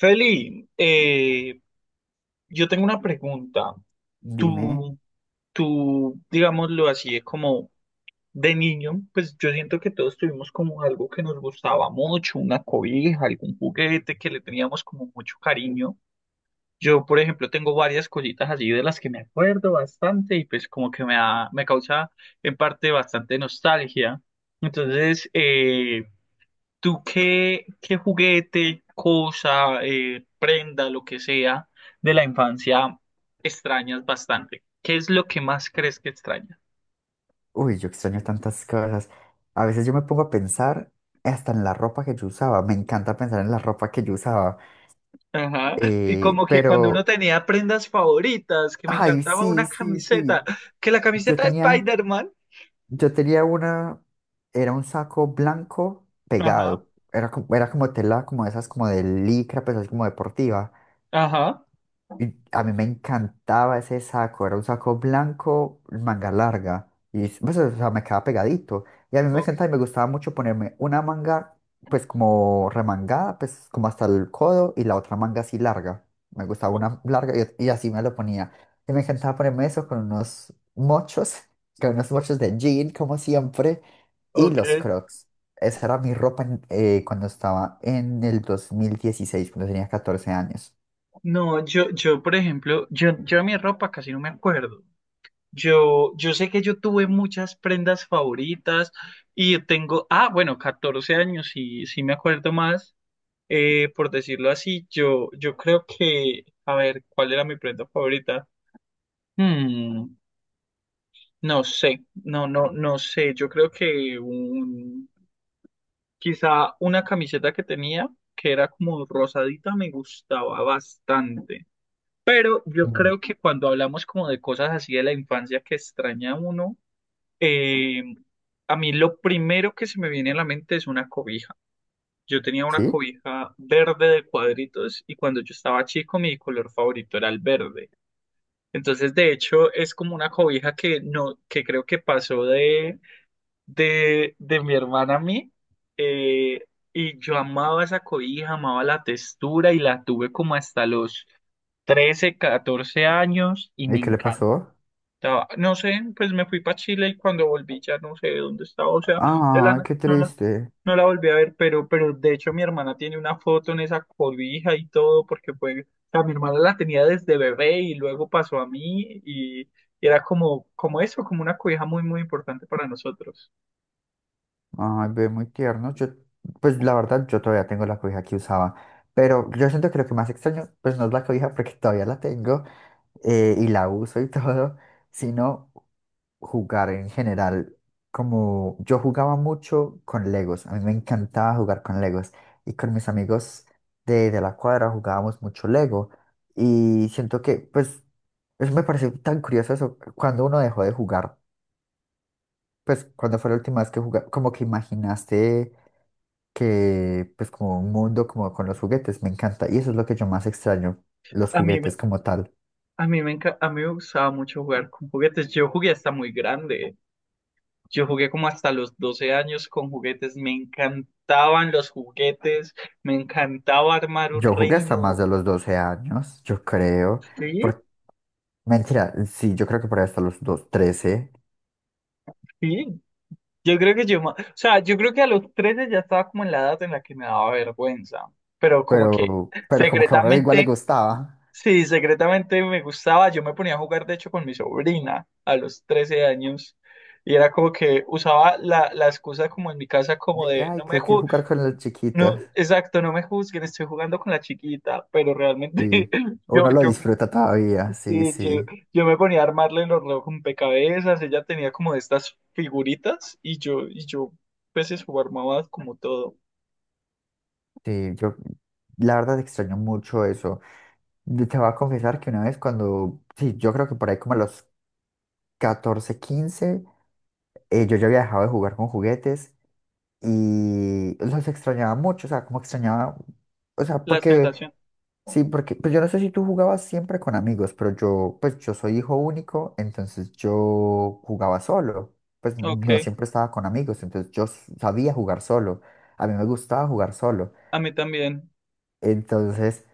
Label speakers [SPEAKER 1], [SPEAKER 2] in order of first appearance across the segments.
[SPEAKER 1] Feli, yo tengo una pregunta.
[SPEAKER 2] Dime.
[SPEAKER 1] Tú, tú, digámoslo así, es como de niño, pues yo siento que todos tuvimos como algo que nos gustaba mucho, una cobija, algún juguete que le teníamos como mucho cariño. Yo, por ejemplo, tengo varias cositas así de las que me acuerdo bastante y pues como que me causa en parte bastante nostalgia. Entonces, ¿tú qué juguete, cosa, prenda, lo que sea de la infancia extrañas bastante? ¿Qué es lo que más crees que extrañas?
[SPEAKER 2] Uy, yo extraño tantas cosas. A veces yo me pongo a pensar hasta en la ropa que yo usaba. Me encanta pensar en la ropa que yo usaba.
[SPEAKER 1] Ajá. Y como que cuando uno
[SPEAKER 2] Pero,
[SPEAKER 1] tenía prendas favoritas, que me
[SPEAKER 2] ay,
[SPEAKER 1] encantaba
[SPEAKER 2] sí,
[SPEAKER 1] una
[SPEAKER 2] sí,
[SPEAKER 1] camiseta,
[SPEAKER 2] sí.
[SPEAKER 1] que la
[SPEAKER 2] Yo
[SPEAKER 1] camiseta de
[SPEAKER 2] tenía,
[SPEAKER 1] Spider-Man.
[SPEAKER 2] yo tenía una, era un saco blanco
[SPEAKER 1] Ajá,
[SPEAKER 2] pegado. Era como tela, como esas, como de licra, pues así como deportiva.
[SPEAKER 1] ajá,
[SPEAKER 2] Y a mí me encantaba ese saco, era un saco blanco, manga larga, y pues, o sea, me quedaba pegadito. Y a mí me
[SPEAKER 1] ok,
[SPEAKER 2] encantaba y me gustaba mucho ponerme una manga, pues como remangada, pues como hasta el codo, y la otra manga así larga. Me gustaba
[SPEAKER 1] o-
[SPEAKER 2] una larga y así me lo ponía. Y me encantaba ponerme eso con unos mochos, con unos
[SPEAKER 1] o-
[SPEAKER 2] mochos de jean, como siempre, y
[SPEAKER 1] ok.
[SPEAKER 2] los crocs. Esa era mi ropa cuando estaba en el 2016, cuando tenía 14 años.
[SPEAKER 1] No, yo, por ejemplo, yo de mi ropa casi no me acuerdo. Yo sé que yo tuve muchas prendas favoritas y tengo, ah, bueno, 14 años, y sí, sí me acuerdo más, por decirlo así, yo creo que, a ver, ¿cuál era mi prenda favorita? Hmm, no sé, no, no, no sé, yo creo que un, quizá una camiseta que tenía, que era como rosadita, me gustaba bastante. Pero yo
[SPEAKER 2] Mm.
[SPEAKER 1] creo que cuando hablamos como de cosas así de la infancia que extraña uno, Eh, a mí lo primero que se me viene a la mente es una cobija. Yo tenía una
[SPEAKER 2] ¿Sí?
[SPEAKER 1] cobija verde de cuadritos y cuando yo estaba chico mi color favorito era el verde. Entonces, de hecho, es como una cobija que no, que creo que pasó de, de mi hermana a mí. eh, y yo amaba esa cobija, amaba la textura y la tuve como hasta los 13, 14 años y
[SPEAKER 2] ¿Y
[SPEAKER 1] me
[SPEAKER 2] qué le
[SPEAKER 1] encanta
[SPEAKER 2] pasó?
[SPEAKER 1] no sé, pues me fui para Chile y cuando volví ya no sé dónde estaba, o sea, de la
[SPEAKER 2] Ay,
[SPEAKER 1] na-
[SPEAKER 2] qué
[SPEAKER 1] no la,
[SPEAKER 2] triste.
[SPEAKER 1] no la volví a ver, pero de hecho mi hermana tiene una foto en esa cobija y todo, porque pues, o sea, mi hermana la tenía desde bebé y luego pasó a mí y era como, como eso, como una cobija muy, muy importante para nosotros.
[SPEAKER 2] Ay, ve, muy tierno. Yo, pues la verdad, yo todavía tengo la cobija que usaba. Pero yo siento que lo que más extraño, pues, no es la cobija porque todavía la tengo, y la uso y todo, sino jugar en general. Como yo jugaba mucho con Legos, a mí me encantaba jugar con Legos. Y con mis amigos de la cuadra jugábamos mucho Lego. Y siento que, pues, eso me pareció tan curioso eso, cuando uno dejó de jugar. Pues, ¿cuándo fue la última vez que jugaste? Como que imaginaste que, pues, como un mundo como con los juguetes, me encanta. Y eso es
[SPEAKER 1] ¿No?
[SPEAKER 2] lo que yo más extraño, los
[SPEAKER 1] A mí, me-
[SPEAKER 2] juguetes como tal.
[SPEAKER 1] a mí me gustaba mucho jugar con juguetes, yo jugué hasta muy grande. Yo jugué como hasta los 12 años con juguetes, me encantaban los juguetes, me encantaba armar un
[SPEAKER 2] Yo jugué hasta más
[SPEAKER 1] reino.
[SPEAKER 2] de los 12 años, yo creo.
[SPEAKER 1] Sí,
[SPEAKER 2] Por... Mentira, sí, yo creo que por ahí hasta los dos, trece.
[SPEAKER 1] sí. Yo creo que yo, o sea, yo creo que a los 13 ya estaba como en la edad en la que me daba vergüenza, pero como que
[SPEAKER 2] Pero como que a uno igual le
[SPEAKER 1] secretamente,
[SPEAKER 2] gustaba.
[SPEAKER 1] sí, secretamente me gustaba. Yo me ponía a jugar, de hecho, con mi sobrina a los 13 años y era como que usaba la, excusa como en mi casa
[SPEAKER 2] De
[SPEAKER 1] como
[SPEAKER 2] que,
[SPEAKER 1] de,
[SPEAKER 2] ay, que hay que jugar con los chiquitos.
[SPEAKER 1] no, exacto, no me juzguen, estoy jugando con la chiquita, pero realmente
[SPEAKER 2] Sí.
[SPEAKER 1] yo,
[SPEAKER 2] Uno lo
[SPEAKER 1] yo,
[SPEAKER 2] disfruta todavía, sí,
[SPEAKER 1] eh, yo,
[SPEAKER 2] sí.
[SPEAKER 1] yo me ponía a armarle los rompecabezas, ella tenía como de estas figuritas y yo, pues eso armaba como todo.
[SPEAKER 2] Sí, yo la verdad extraño mucho eso. Yo te voy a confesar que una vez cuando, sí, yo creo que por ahí como a los 14, 15 yo ya había dejado de jugar con juguetes y los extrañaba mucho, o sea, como extrañaba, o sea,
[SPEAKER 1] La
[SPEAKER 2] porque,
[SPEAKER 1] sensación,
[SPEAKER 2] sí, porque, pues, yo no sé si tú jugabas siempre con amigos, pero yo, pues, yo soy hijo único, entonces yo jugaba solo, pues
[SPEAKER 1] ok,
[SPEAKER 2] no siempre estaba con amigos, entonces yo sabía jugar solo, a mí me gustaba jugar solo.
[SPEAKER 1] a mí también,
[SPEAKER 2] Entonces,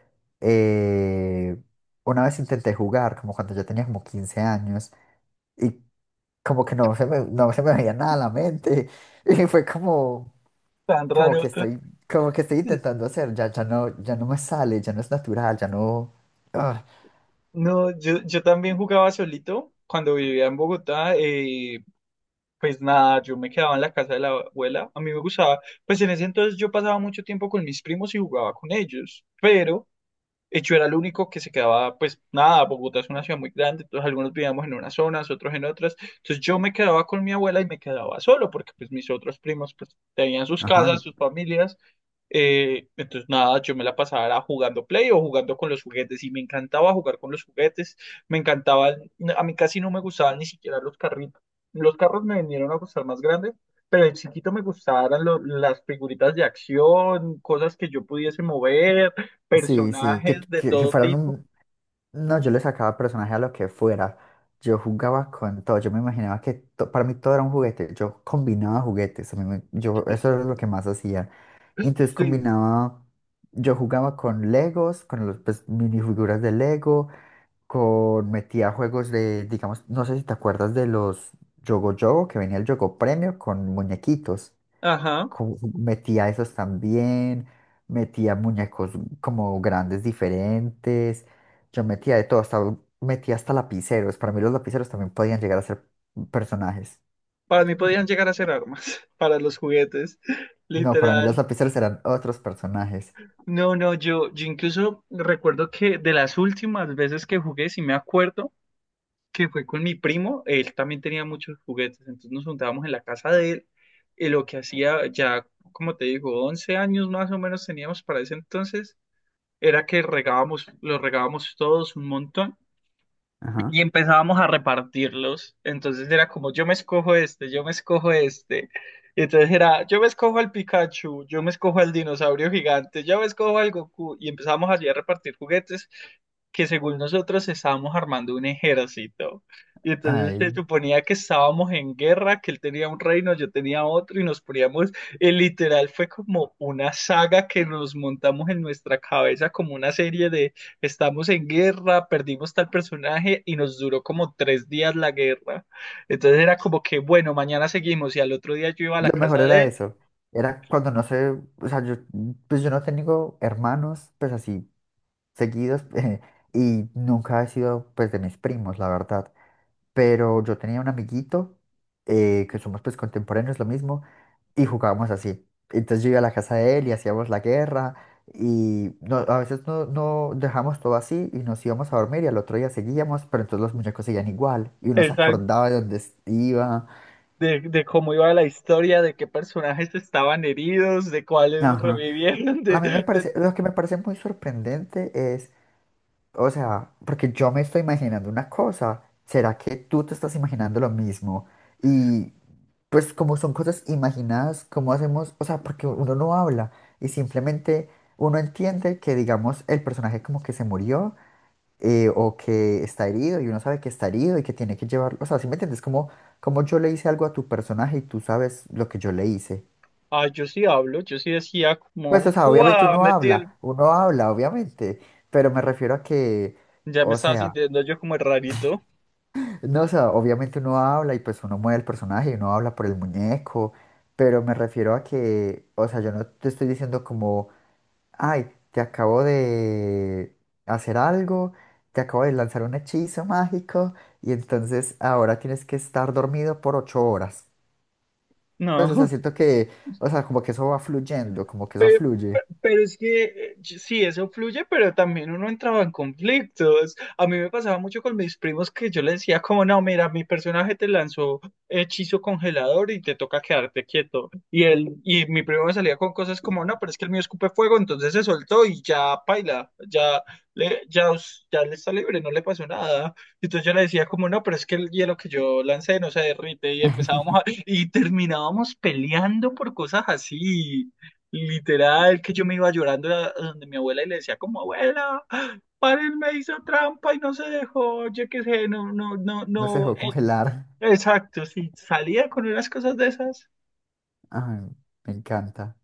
[SPEAKER 2] eh, una vez intenté jugar, como cuando yo tenía como 15 años, y como que no se me veía nada a la mente, y fue como,
[SPEAKER 1] tan
[SPEAKER 2] como
[SPEAKER 1] raro.
[SPEAKER 2] que estoy, como que estoy intentando hacer, ya, ya no, ya no me sale, ya no es natural, ya no... ah.
[SPEAKER 1] No, yo también jugaba solito cuando vivía en Bogotá, pues nada, yo me quedaba en la casa de la abuela, a mí me gustaba, pues en ese entonces yo pasaba mucho tiempo con mis primos y jugaba con ellos, pero... Y yo era el único que se quedaba, pues nada, Bogotá es una ciudad muy grande, entonces algunos vivíamos en unas zonas, otros en otras. Entonces yo me quedaba con mi abuela y me quedaba solo, porque pues mis otros primos pues tenían sus casas,
[SPEAKER 2] Ajá.
[SPEAKER 1] sus familias, entonces, nada, yo me la pasaba era jugando Play o jugando con los juguetes y me encantaba jugar con los juguetes, me encantaba, a mí casi no me gustaban ni siquiera los carritos. Los carros me vinieron a gustar más grandes, pero de chiquito me gustaban las figuritas de acción, cosas que yo pudiese mover,
[SPEAKER 2] Sí, sí, que,
[SPEAKER 1] personajes de
[SPEAKER 2] que, que
[SPEAKER 1] todo
[SPEAKER 2] fueran
[SPEAKER 1] tipo.
[SPEAKER 2] un... No, yo le sacaba personaje a lo que fuera. Yo jugaba con todo, yo me imaginaba que para mí todo era un juguete. Yo combinaba juguetes, yo, eso era lo que más hacía. Entonces
[SPEAKER 1] Sí,
[SPEAKER 2] combinaba, yo jugaba con Legos, con los, pues, minifiguras de Lego, con metía juegos de, digamos, no sé si te acuerdas de los Yogo Yogo, que venía el Yogo Premio con muñequitos.
[SPEAKER 1] ajá.
[SPEAKER 2] Metía esos también, metía muñecos como grandes diferentes. Yo metía de todo, hasta metía hasta lapiceros. Para mí los lapiceros también podían llegar a ser personajes.
[SPEAKER 1] Para mí podían llegar a ser armas, para los juguetes,
[SPEAKER 2] No, para mí los
[SPEAKER 1] literal.
[SPEAKER 2] lapiceros eran otros personajes.
[SPEAKER 1] No, no, yo incluso recuerdo que de las últimas veces que jugué, si me acuerdo, que fue con mi primo, él también tenía muchos juguetes, entonces nos juntábamos en la casa de él, y lo que hacía ya, como te digo, 11 años más o menos teníamos para ese entonces, era que regábamos, los regábamos todos un montón, y
[SPEAKER 2] Ajá.
[SPEAKER 1] empezábamos a repartirlos. Entonces era como, yo me escojo este, yo me escojo este. Y entonces era, yo me escojo al Pikachu, yo me escojo al dinosaurio gigante, yo me escojo al Goku. Y empezábamos allí a repartir juguetes que según nosotros estábamos armando un ejército. Y entonces se
[SPEAKER 2] Ay.
[SPEAKER 1] suponía que estábamos en guerra, que él tenía un reino, yo tenía otro, y nos poníamos, literal, fue como una saga que nos montamos en nuestra cabeza, como una serie. Estamos en guerra, perdimos tal personaje y nos duró como 3 días la guerra. Entonces era como que, bueno, mañana seguimos y al otro día yo iba a la
[SPEAKER 2] Lo mejor
[SPEAKER 1] casa de
[SPEAKER 2] era
[SPEAKER 1] él,
[SPEAKER 2] eso. Era cuando no sé, o sea, yo, pues, yo no tengo hermanos, pues así, seguidos, y nunca he sido, pues, de mis primos, la verdad. Pero yo tenía un amiguito, que somos, pues, contemporáneos, lo mismo, y jugábamos así. Entonces yo iba a la casa de él y hacíamos la guerra, y no, a veces no dejamos todo así y nos íbamos a dormir y al otro día seguíamos, pero entonces los muñecos seguían igual, y uno se
[SPEAKER 1] exacto,
[SPEAKER 2] acordaba de dónde iba.
[SPEAKER 1] de cómo iba la historia, de qué personajes estaban heridos, de cuáles
[SPEAKER 2] Ajá.
[SPEAKER 1] revivieron,
[SPEAKER 2] A mí me parece, lo que me parece muy sorprendente es, o sea, porque yo me estoy imaginando una cosa, ¿será que tú te estás imaginando lo mismo? Y pues como son cosas imaginadas, ¿cómo hacemos? O sea, porque uno no habla y simplemente uno entiende que, digamos, el personaje como que se murió, o que está herido y uno sabe que está herido y que tiene que llevarlo, o sea, ¿sí me entiendes? Como, como yo le hice algo a tu personaje y tú sabes lo que yo le hice.
[SPEAKER 1] Ah, yo sí hablo, yo sí decía
[SPEAKER 2] Pues, o
[SPEAKER 1] como,
[SPEAKER 2] sea, obviamente
[SPEAKER 1] ¡guau! Metí el...
[SPEAKER 2] uno habla, obviamente, pero me refiero a que,
[SPEAKER 1] Ya me
[SPEAKER 2] o
[SPEAKER 1] estaba
[SPEAKER 2] sea,
[SPEAKER 1] sintiendo yo como el rarito.
[SPEAKER 2] no, o sea, obviamente uno habla y pues uno mueve el personaje y uno habla por el muñeco, pero me refiero a que, o sea, yo no te estoy diciendo como, ay, te acabo de hacer algo, te acabo de lanzar un hechizo mágico y entonces ahora tienes que estar dormido por 8 horas. Pues, o sea,
[SPEAKER 1] No.
[SPEAKER 2] siento que, o sea, como que eso va fluyendo, como que eso
[SPEAKER 1] Pero,
[SPEAKER 2] fluye,
[SPEAKER 1] pero es que sí, eso fluye, pero también uno entraba en conflictos. A mí me pasaba mucho con mis primos que yo les decía como, no, mira, mi personaje te lanzó hechizo congelador y te toca quedarte quieto. Y él, y mi primo me salía con cosas como, no, pero es que el mío escupe fuego, entonces se soltó y ya paila, ya le está libre, no le pasó nada. Y entonces yo le decía como, no, pero es que el hielo que yo lancé no se derrite y empezábamos a, y terminábamos peleando por cosas así. Literal, que yo me iba llorando a donde mi abuela y le decía como, abuela, paren, me hizo trampa y no se dejó, yo qué sé, no, no, no,
[SPEAKER 2] no se
[SPEAKER 1] no.
[SPEAKER 2] dejó congelar.
[SPEAKER 1] Exacto, sí, salía con unas cosas de esas.
[SPEAKER 2] Ay, me encanta.